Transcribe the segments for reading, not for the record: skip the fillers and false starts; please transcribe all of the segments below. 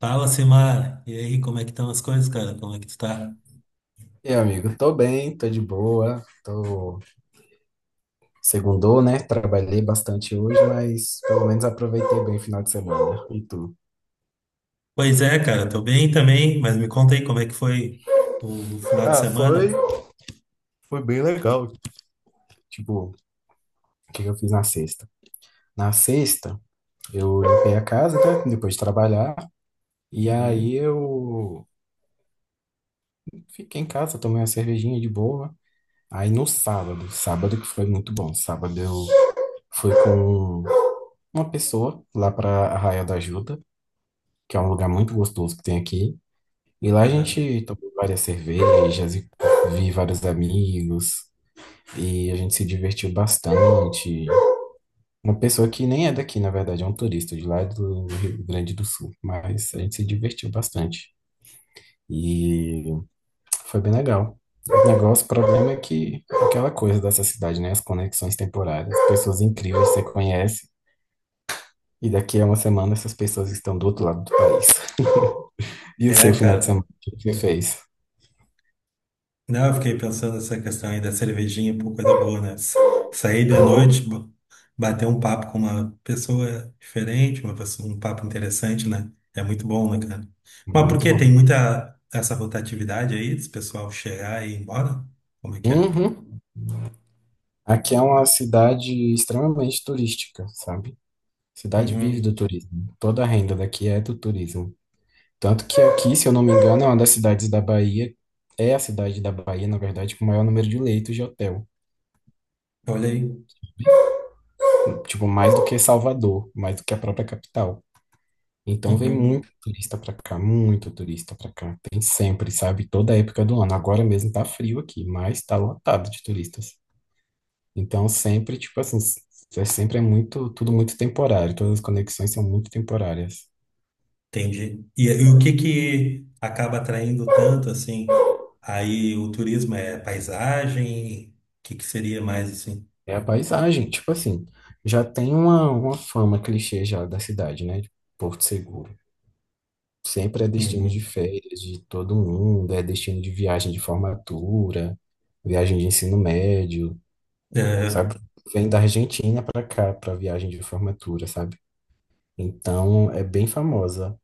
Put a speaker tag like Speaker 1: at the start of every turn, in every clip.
Speaker 1: Fala, Simar. E aí, como é que estão as coisas, cara? Como é que tu tá?
Speaker 2: E aí, amigo, tô bem, tô de boa, tô segundou, né? Trabalhei bastante hoje, mas pelo menos aproveitei bem o final de semana. E tu?
Speaker 1: Pois é, cara, tô bem também, mas me conta aí como é que foi o final de
Speaker 2: Ah, foi,
Speaker 1: semana.
Speaker 2: foi bem legal. Tipo, o que que eu fiz na sexta? Na sexta, eu limpei a casa, né? Depois de trabalhar, e aí
Speaker 1: Uhum.
Speaker 2: eu fiquei em casa, tomei uma cervejinha de boa. Aí no sábado, sábado que foi muito bom. Sábado eu fui com uma pessoa lá pra Arraial da Ajuda, que é um lugar muito gostoso que tem aqui. E lá a
Speaker 1: Aham.
Speaker 2: gente tomou várias cervejas e vi vários amigos e a gente se divertiu bastante. Uma pessoa que nem é daqui, na verdade, é um turista de lá é do Rio Grande do Sul, mas a gente se divertiu bastante e foi bem legal. O negócio, o problema é que aquela coisa dessa cidade, né? As conexões temporárias, pessoas incríveis que você conhece e daqui a uma semana essas pessoas estão do outro lado do país. E o seu
Speaker 1: É,
Speaker 2: final de
Speaker 1: cara.
Speaker 2: semana, o que você fez?
Speaker 1: Não, eu fiquei pensando nessa questão aí da cervejinha, pô, coisa boa, né? Sair de noite,
Speaker 2: Oh,
Speaker 1: bater um papo com uma pessoa diferente, uma pessoa, um papo interessante, né? É muito bom, né, cara? Mas por
Speaker 2: muito
Speaker 1: que tem
Speaker 2: bom.
Speaker 1: muita essa rotatividade aí, desse pessoal chegar e ir embora? Como é que é?
Speaker 2: Uhum. Aqui é uma cidade extremamente turística, sabe? Cidade vive do
Speaker 1: Uhum.
Speaker 2: turismo. Toda a renda daqui é do turismo. Tanto que aqui, se eu não me engano, é uma das cidades da Bahia, é a cidade da Bahia, na verdade, com o maior número de leitos de hotel.
Speaker 1: Olha aí.
Speaker 2: Tipo, mais do que Salvador, mais do que a própria capital. Então vem muito
Speaker 1: Uhum.
Speaker 2: turista pra cá, muito turista pra cá. Tem sempre, sabe? Toda época do ano. Agora mesmo tá frio aqui, mas tá lotado de turistas. Então sempre, tipo assim, é sempre é muito, tudo muito temporário, todas as conexões são muito temporárias.
Speaker 1: Entendi. E o que que acaba atraindo tanto, assim? Aí o turismo é paisagem? O que que seria mais, assim?
Speaker 2: É a paisagem, tipo assim, já tem uma fama clichê já da cidade, né? De Porto Seguro. Sempre é destino de
Speaker 1: Uhum.
Speaker 2: férias de todo mundo, é destino de viagem de formatura, viagem de ensino médio,
Speaker 1: É,
Speaker 2: sabe? Vem da Argentina para cá para viagem de formatura, sabe? Então é bem famosa.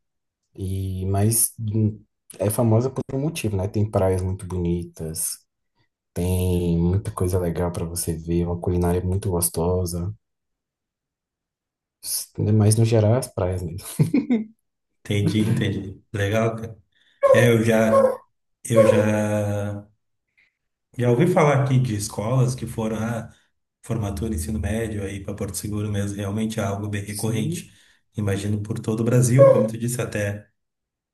Speaker 2: E, mas é famosa por um motivo, né? Tem praias muito bonitas, tem muita coisa legal para você ver, uma culinária muito gostosa. S- Mas no geral, é as praias mesmo.
Speaker 1: entendi, entendi. Legal, cara. É, eu já, eu já, já ouvi falar aqui de escolas que foram a formatura, ensino médio aí para Porto Seguro mesmo, realmente é algo bem recorrente.
Speaker 2: Sim.
Speaker 1: Imagino por todo o Brasil, como tu disse, até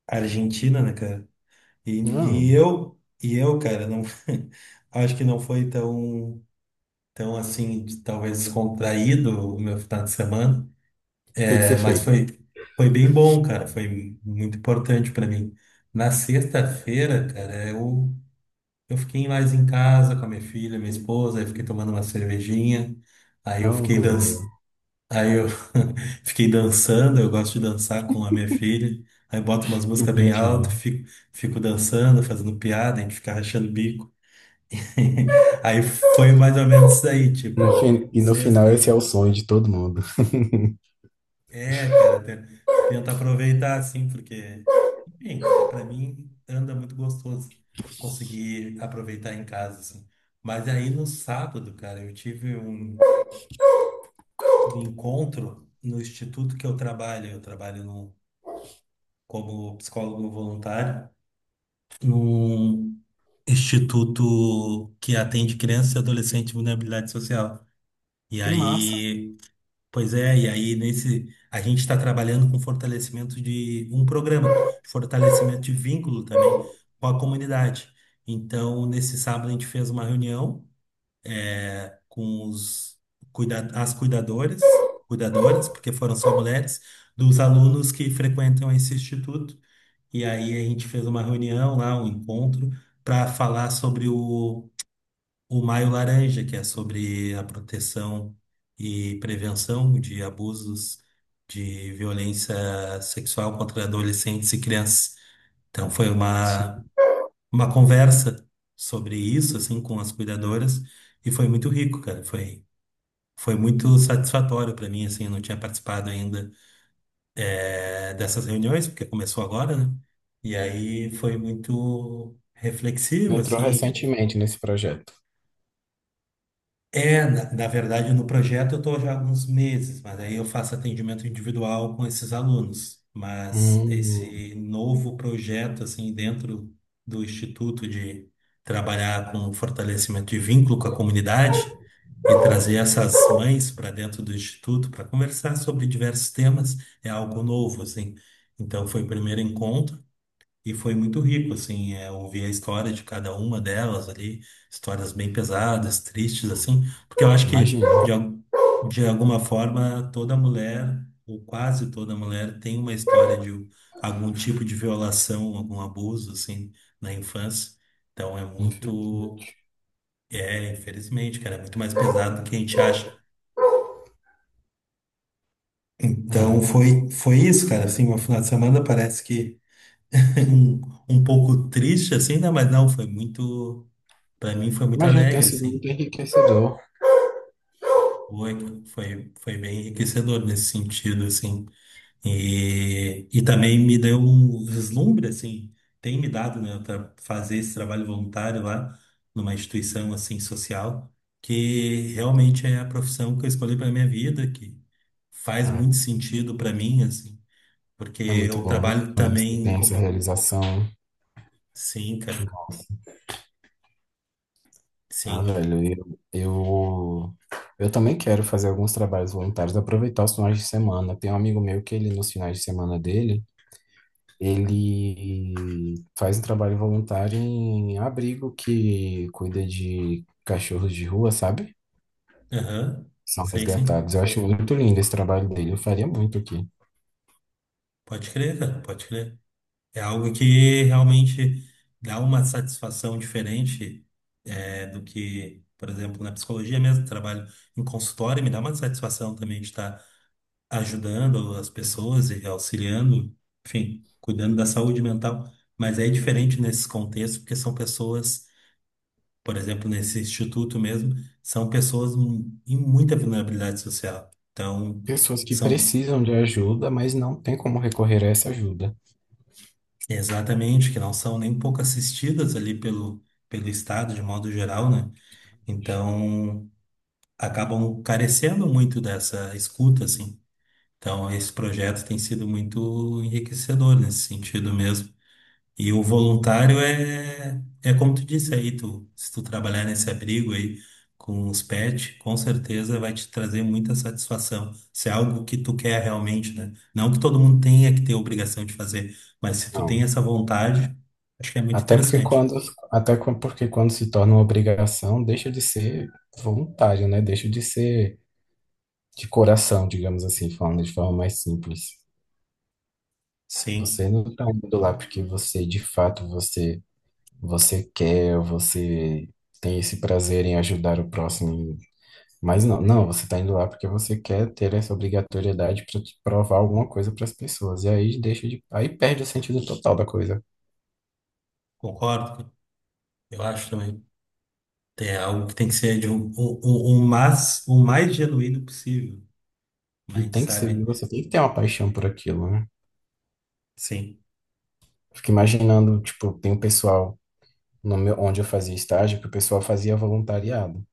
Speaker 1: Argentina, né, cara? E,
Speaker 2: Não. O
Speaker 1: cara, não, acho que não foi tão, tão assim, talvez descontraído o meu final de semana.
Speaker 2: que que
Speaker 1: É,
Speaker 2: você
Speaker 1: mas
Speaker 2: fez?
Speaker 1: foi, foi bem bom, cara. Foi muito importante para mim. Na sexta-feira, eu fiquei mais em casa com a minha filha, minha esposa, aí fiquei tomando uma cervejinha, aí eu
Speaker 2: Não, uma
Speaker 1: fiquei
Speaker 2: coisa boa.
Speaker 1: dançando. Aí eu fiquei dançando, eu gosto de dançar com a minha filha. Aí boto umas
Speaker 2: Que
Speaker 1: músicas bem
Speaker 2: bonitinho.
Speaker 1: altas, fico, fico dançando, fazendo piada, a gente fica rachando o bico. Aí foi mais ou menos isso aí, tipo,
Speaker 2: E no final,
Speaker 1: sexta.
Speaker 2: esse é o sonho de todo mundo.
Speaker 1: É, cara, tenta aproveitar assim, porque, enfim, é para mim anda muito gostoso conseguir aproveitar em casa assim. Mas aí no sábado, cara, eu tive um encontro no instituto que eu trabalho. Eu trabalho como psicólogo voluntário num instituto que atende crianças e adolescentes em vulnerabilidade social. E
Speaker 2: Que massa.
Speaker 1: aí, pois é, e aí nesse a gente está trabalhando com fortalecimento de um programa, de fortalecimento de vínculo também com a comunidade. Então, nesse sábado a gente fez uma reunião com os as cuidadores, cuidadoras, porque foram só mulheres, dos alunos que frequentam esse instituto. E aí a gente fez uma reunião lá, um encontro, para falar sobre o Maio Laranja, que é sobre a proteção e prevenção de abusos de violência sexual contra adolescentes e crianças. Então foi
Speaker 2: Sim.
Speaker 1: uma conversa sobre isso, assim, com as cuidadoras, e foi muito rico, cara. Foi, foi muito satisfatório para mim, assim, eu não tinha participado ainda dessas reuniões, porque começou agora, né? E aí foi muito reflexivo,
Speaker 2: Entrou
Speaker 1: assim.
Speaker 2: recentemente nesse projeto.
Speaker 1: É, na verdade, no projeto eu estou já há alguns meses, mas aí eu faço atendimento individual com esses alunos. Mas
Speaker 2: Hum,
Speaker 1: esse novo projeto, assim, dentro do Instituto de trabalhar com fortalecimento de vínculo com a comunidade e trazer essas mães para dentro do Instituto para conversar sobre diversos temas, é algo novo, assim. Então, foi o primeiro encontro. E foi muito rico, assim, é, ouvir a história de cada uma delas ali, histórias bem pesadas, tristes, assim, porque eu acho que,
Speaker 2: imagino.
Speaker 1: de alguma forma, toda mulher, ou quase toda mulher, tem uma história de algum tipo de violação, algum abuso, assim, na infância. Então é muito,
Speaker 2: Infelizmente.
Speaker 1: é, infelizmente, cara, é muito mais pesado do que a gente acha. Então
Speaker 2: É.
Speaker 1: foi, foi isso, cara, assim, meu final de semana parece que um, um pouco triste, assim, né? Mas não, foi muito. Para mim foi muito
Speaker 2: Imagino que tenha
Speaker 1: alegre,
Speaker 2: sido
Speaker 1: assim.
Speaker 2: muito enriquecedor.
Speaker 1: Foi, foi, foi bem enriquecedor nesse sentido, assim. E também me deu um vislumbre, assim, tem me dado, né, para fazer esse trabalho voluntário lá numa instituição, assim, social, que realmente é a profissão que eu escolhi para minha vida, que faz muito
Speaker 2: É.
Speaker 1: sentido para mim, assim, porque
Speaker 2: É muito
Speaker 1: eu
Speaker 2: bom, né?
Speaker 1: trabalho
Speaker 2: Quando você
Speaker 1: também
Speaker 2: tem essa
Speaker 1: com...
Speaker 2: realização.
Speaker 1: Sim, cara,
Speaker 2: Ah,
Speaker 1: sim.
Speaker 2: velho, eu também quero fazer alguns trabalhos voluntários, aproveitar os finais de semana. Tem um amigo meu que ele, nos finais de semana dele, ele faz um trabalho voluntário em abrigo que cuida de cachorros de rua, sabe?
Speaker 1: Aham,
Speaker 2: São
Speaker 1: sei, sim.
Speaker 2: resgatados. Eu acho muito lindo esse trabalho dele. Eu faria muito aqui.
Speaker 1: Pode crer, cara, pode crer. É algo que realmente dá uma satisfação diferente é, do que, por exemplo, na psicologia mesmo, trabalho em consultório, me dá uma satisfação também de estar ajudando as pessoas e auxiliando, enfim, cuidando da saúde mental. Mas é diferente nesses contextos, porque são pessoas, por exemplo, nesse instituto mesmo, são pessoas em muita vulnerabilidade social. Então,
Speaker 2: Pessoas que
Speaker 1: são
Speaker 2: precisam de ajuda, mas não tem como recorrer a essa ajuda.
Speaker 1: exatamente, que não são nem pouco assistidas ali pelo Estado, de modo geral, né? Então, acabam carecendo muito dessa escuta, assim. Então, esse projeto tem sido muito enriquecedor nesse sentido mesmo. E o voluntário é, é como tu disse aí, tu, se tu trabalhar nesse abrigo aí com os pets, com certeza vai te trazer muita satisfação. Se é algo que tu quer realmente, né? Não que todo mundo tenha que ter obrigação de fazer, mas se tu tem
Speaker 2: Não.
Speaker 1: essa vontade, acho que é muito
Speaker 2: Até porque
Speaker 1: interessante.
Speaker 2: porque quando se torna uma obrigação, deixa de ser voluntário, né? Deixa de ser de coração, digamos assim, falando de forma mais simples.
Speaker 1: Sim,
Speaker 2: Você não está indo lá porque você, de fato, você quer, você tem esse prazer em ajudar o próximo. Mas não, não, você está indo lá porque você quer ter essa obrigatoriedade para provar alguma coisa para as pessoas. E aí aí perde o sentido total da coisa.
Speaker 1: concordo. Eu acho também. É algo que tem que ser de um, o mais genuíno possível. Mas
Speaker 2: E
Speaker 1: a gente
Speaker 2: tem que ser,
Speaker 1: sabe,
Speaker 2: você tem que ter uma paixão por aquilo, né?
Speaker 1: sim.
Speaker 2: Fico imaginando, tipo, tem um pessoal no meu, onde eu fazia estágio que o pessoal fazia voluntariado,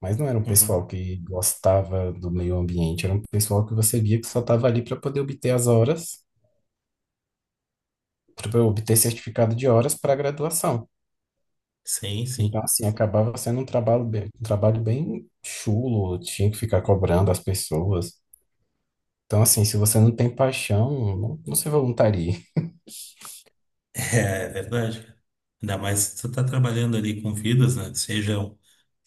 Speaker 2: mas não era um pessoal
Speaker 1: Uhum.
Speaker 2: que gostava do meio ambiente, era um pessoal que você via que só estava ali para poder obter as horas, para obter certificado de horas para a graduação.
Speaker 1: Sim,
Speaker 2: Então,
Speaker 1: sim.
Speaker 2: assim, acabava sendo um trabalho bem chulo, tinha que ficar cobrando as pessoas. Então, assim, se você não tem paixão, não se voluntarie.
Speaker 1: É, é verdade, cara. Ainda mais se tu tá trabalhando ali com vidas, né? Sejam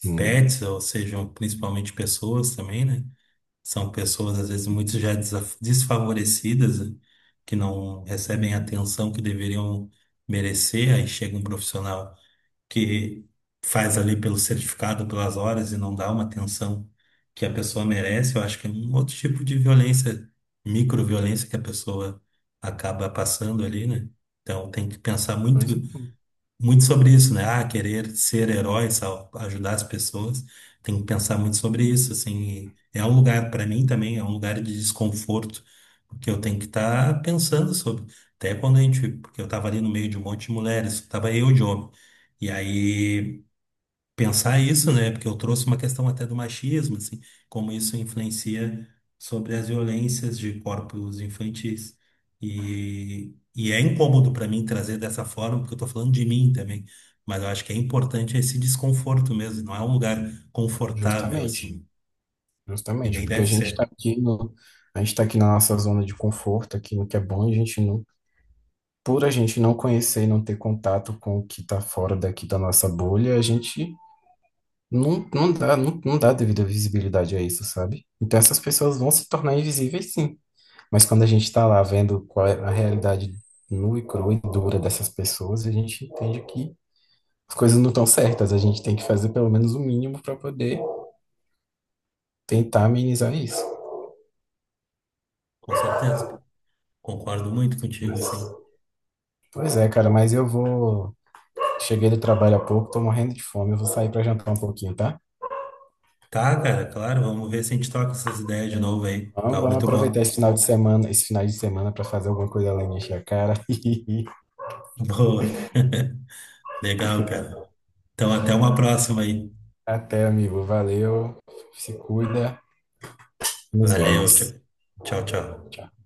Speaker 2: Hum,
Speaker 1: pets ou sejam principalmente pessoas também, né? São pessoas, às vezes, muito já desfavorecidas, né? Que não recebem a
Speaker 2: hum.
Speaker 1: atenção que deveriam merecer. Aí chega um profissional que faz ali pelo certificado, pelas horas e não dá uma atenção que a pessoa merece. Eu acho que é um outro tipo de violência, microviolência que a pessoa acaba passando ali, né? Então tem que pensar muito
Speaker 2: Pois, é,
Speaker 1: muito sobre isso, né? Ah, querer ser herói, ajudar as pessoas. Tem que pensar muito sobre isso, assim. E é um lugar, para mim também, é um lugar de desconforto, porque eu tenho que estar pensando sobre. Até quando a gente, porque eu estava ali no meio de um monte de mulheres, estava eu de homem. E aí pensar isso, né? Porque eu trouxe uma questão até do machismo, assim, como isso influencia sobre as violências de corpos infantis. E é incômodo para mim trazer dessa forma, porque eu tô falando de mim também, mas eu acho que é importante esse desconforto mesmo, não é um lugar confortável,
Speaker 2: justamente.
Speaker 1: assim, e
Speaker 2: Justamente,
Speaker 1: nem
Speaker 2: porque
Speaker 1: deve
Speaker 2: a gente
Speaker 1: ser,
Speaker 2: está aqui no, a gente tá aqui na nossa zona de conforto, aqui no que é bom, e a gente não, por a gente não conhecer e não ter contato com o que está fora daqui da nossa bolha, a gente não, não dá, não dá devida visibilidade a isso, sabe? Então essas pessoas vão se tornar invisíveis, sim. Mas quando a gente está lá vendo qual é a realidade nua e crua e dura dessas pessoas, a gente entende que as coisas não estão certas, a gente tem que fazer pelo menos o mínimo para poder tentar amenizar isso.
Speaker 1: com certeza. Concordo muito contigo,
Speaker 2: Mas
Speaker 1: assim.
Speaker 2: pois é, cara, mas eu vou. Cheguei do trabalho há pouco, tô morrendo de fome. Eu vou sair pra jantar um pouquinho, tá?
Speaker 1: Tá, cara, claro, vamos ver se a gente toca essas ideias de novo aí.
Speaker 2: Vamos,
Speaker 1: Tá,
Speaker 2: vamos
Speaker 1: muito
Speaker 2: aproveitar
Speaker 1: bom.
Speaker 2: esse final de semana, esse final de semana para fazer alguma coisa além de encher a cara.
Speaker 1: Boa. Legal, cara. Então, até uma próxima aí.
Speaker 2: Até, amigo. Valeu. Se cuida. Nos
Speaker 1: Valeu, tchau,
Speaker 2: vemos.
Speaker 1: tchau, tchau.
Speaker 2: Tchau.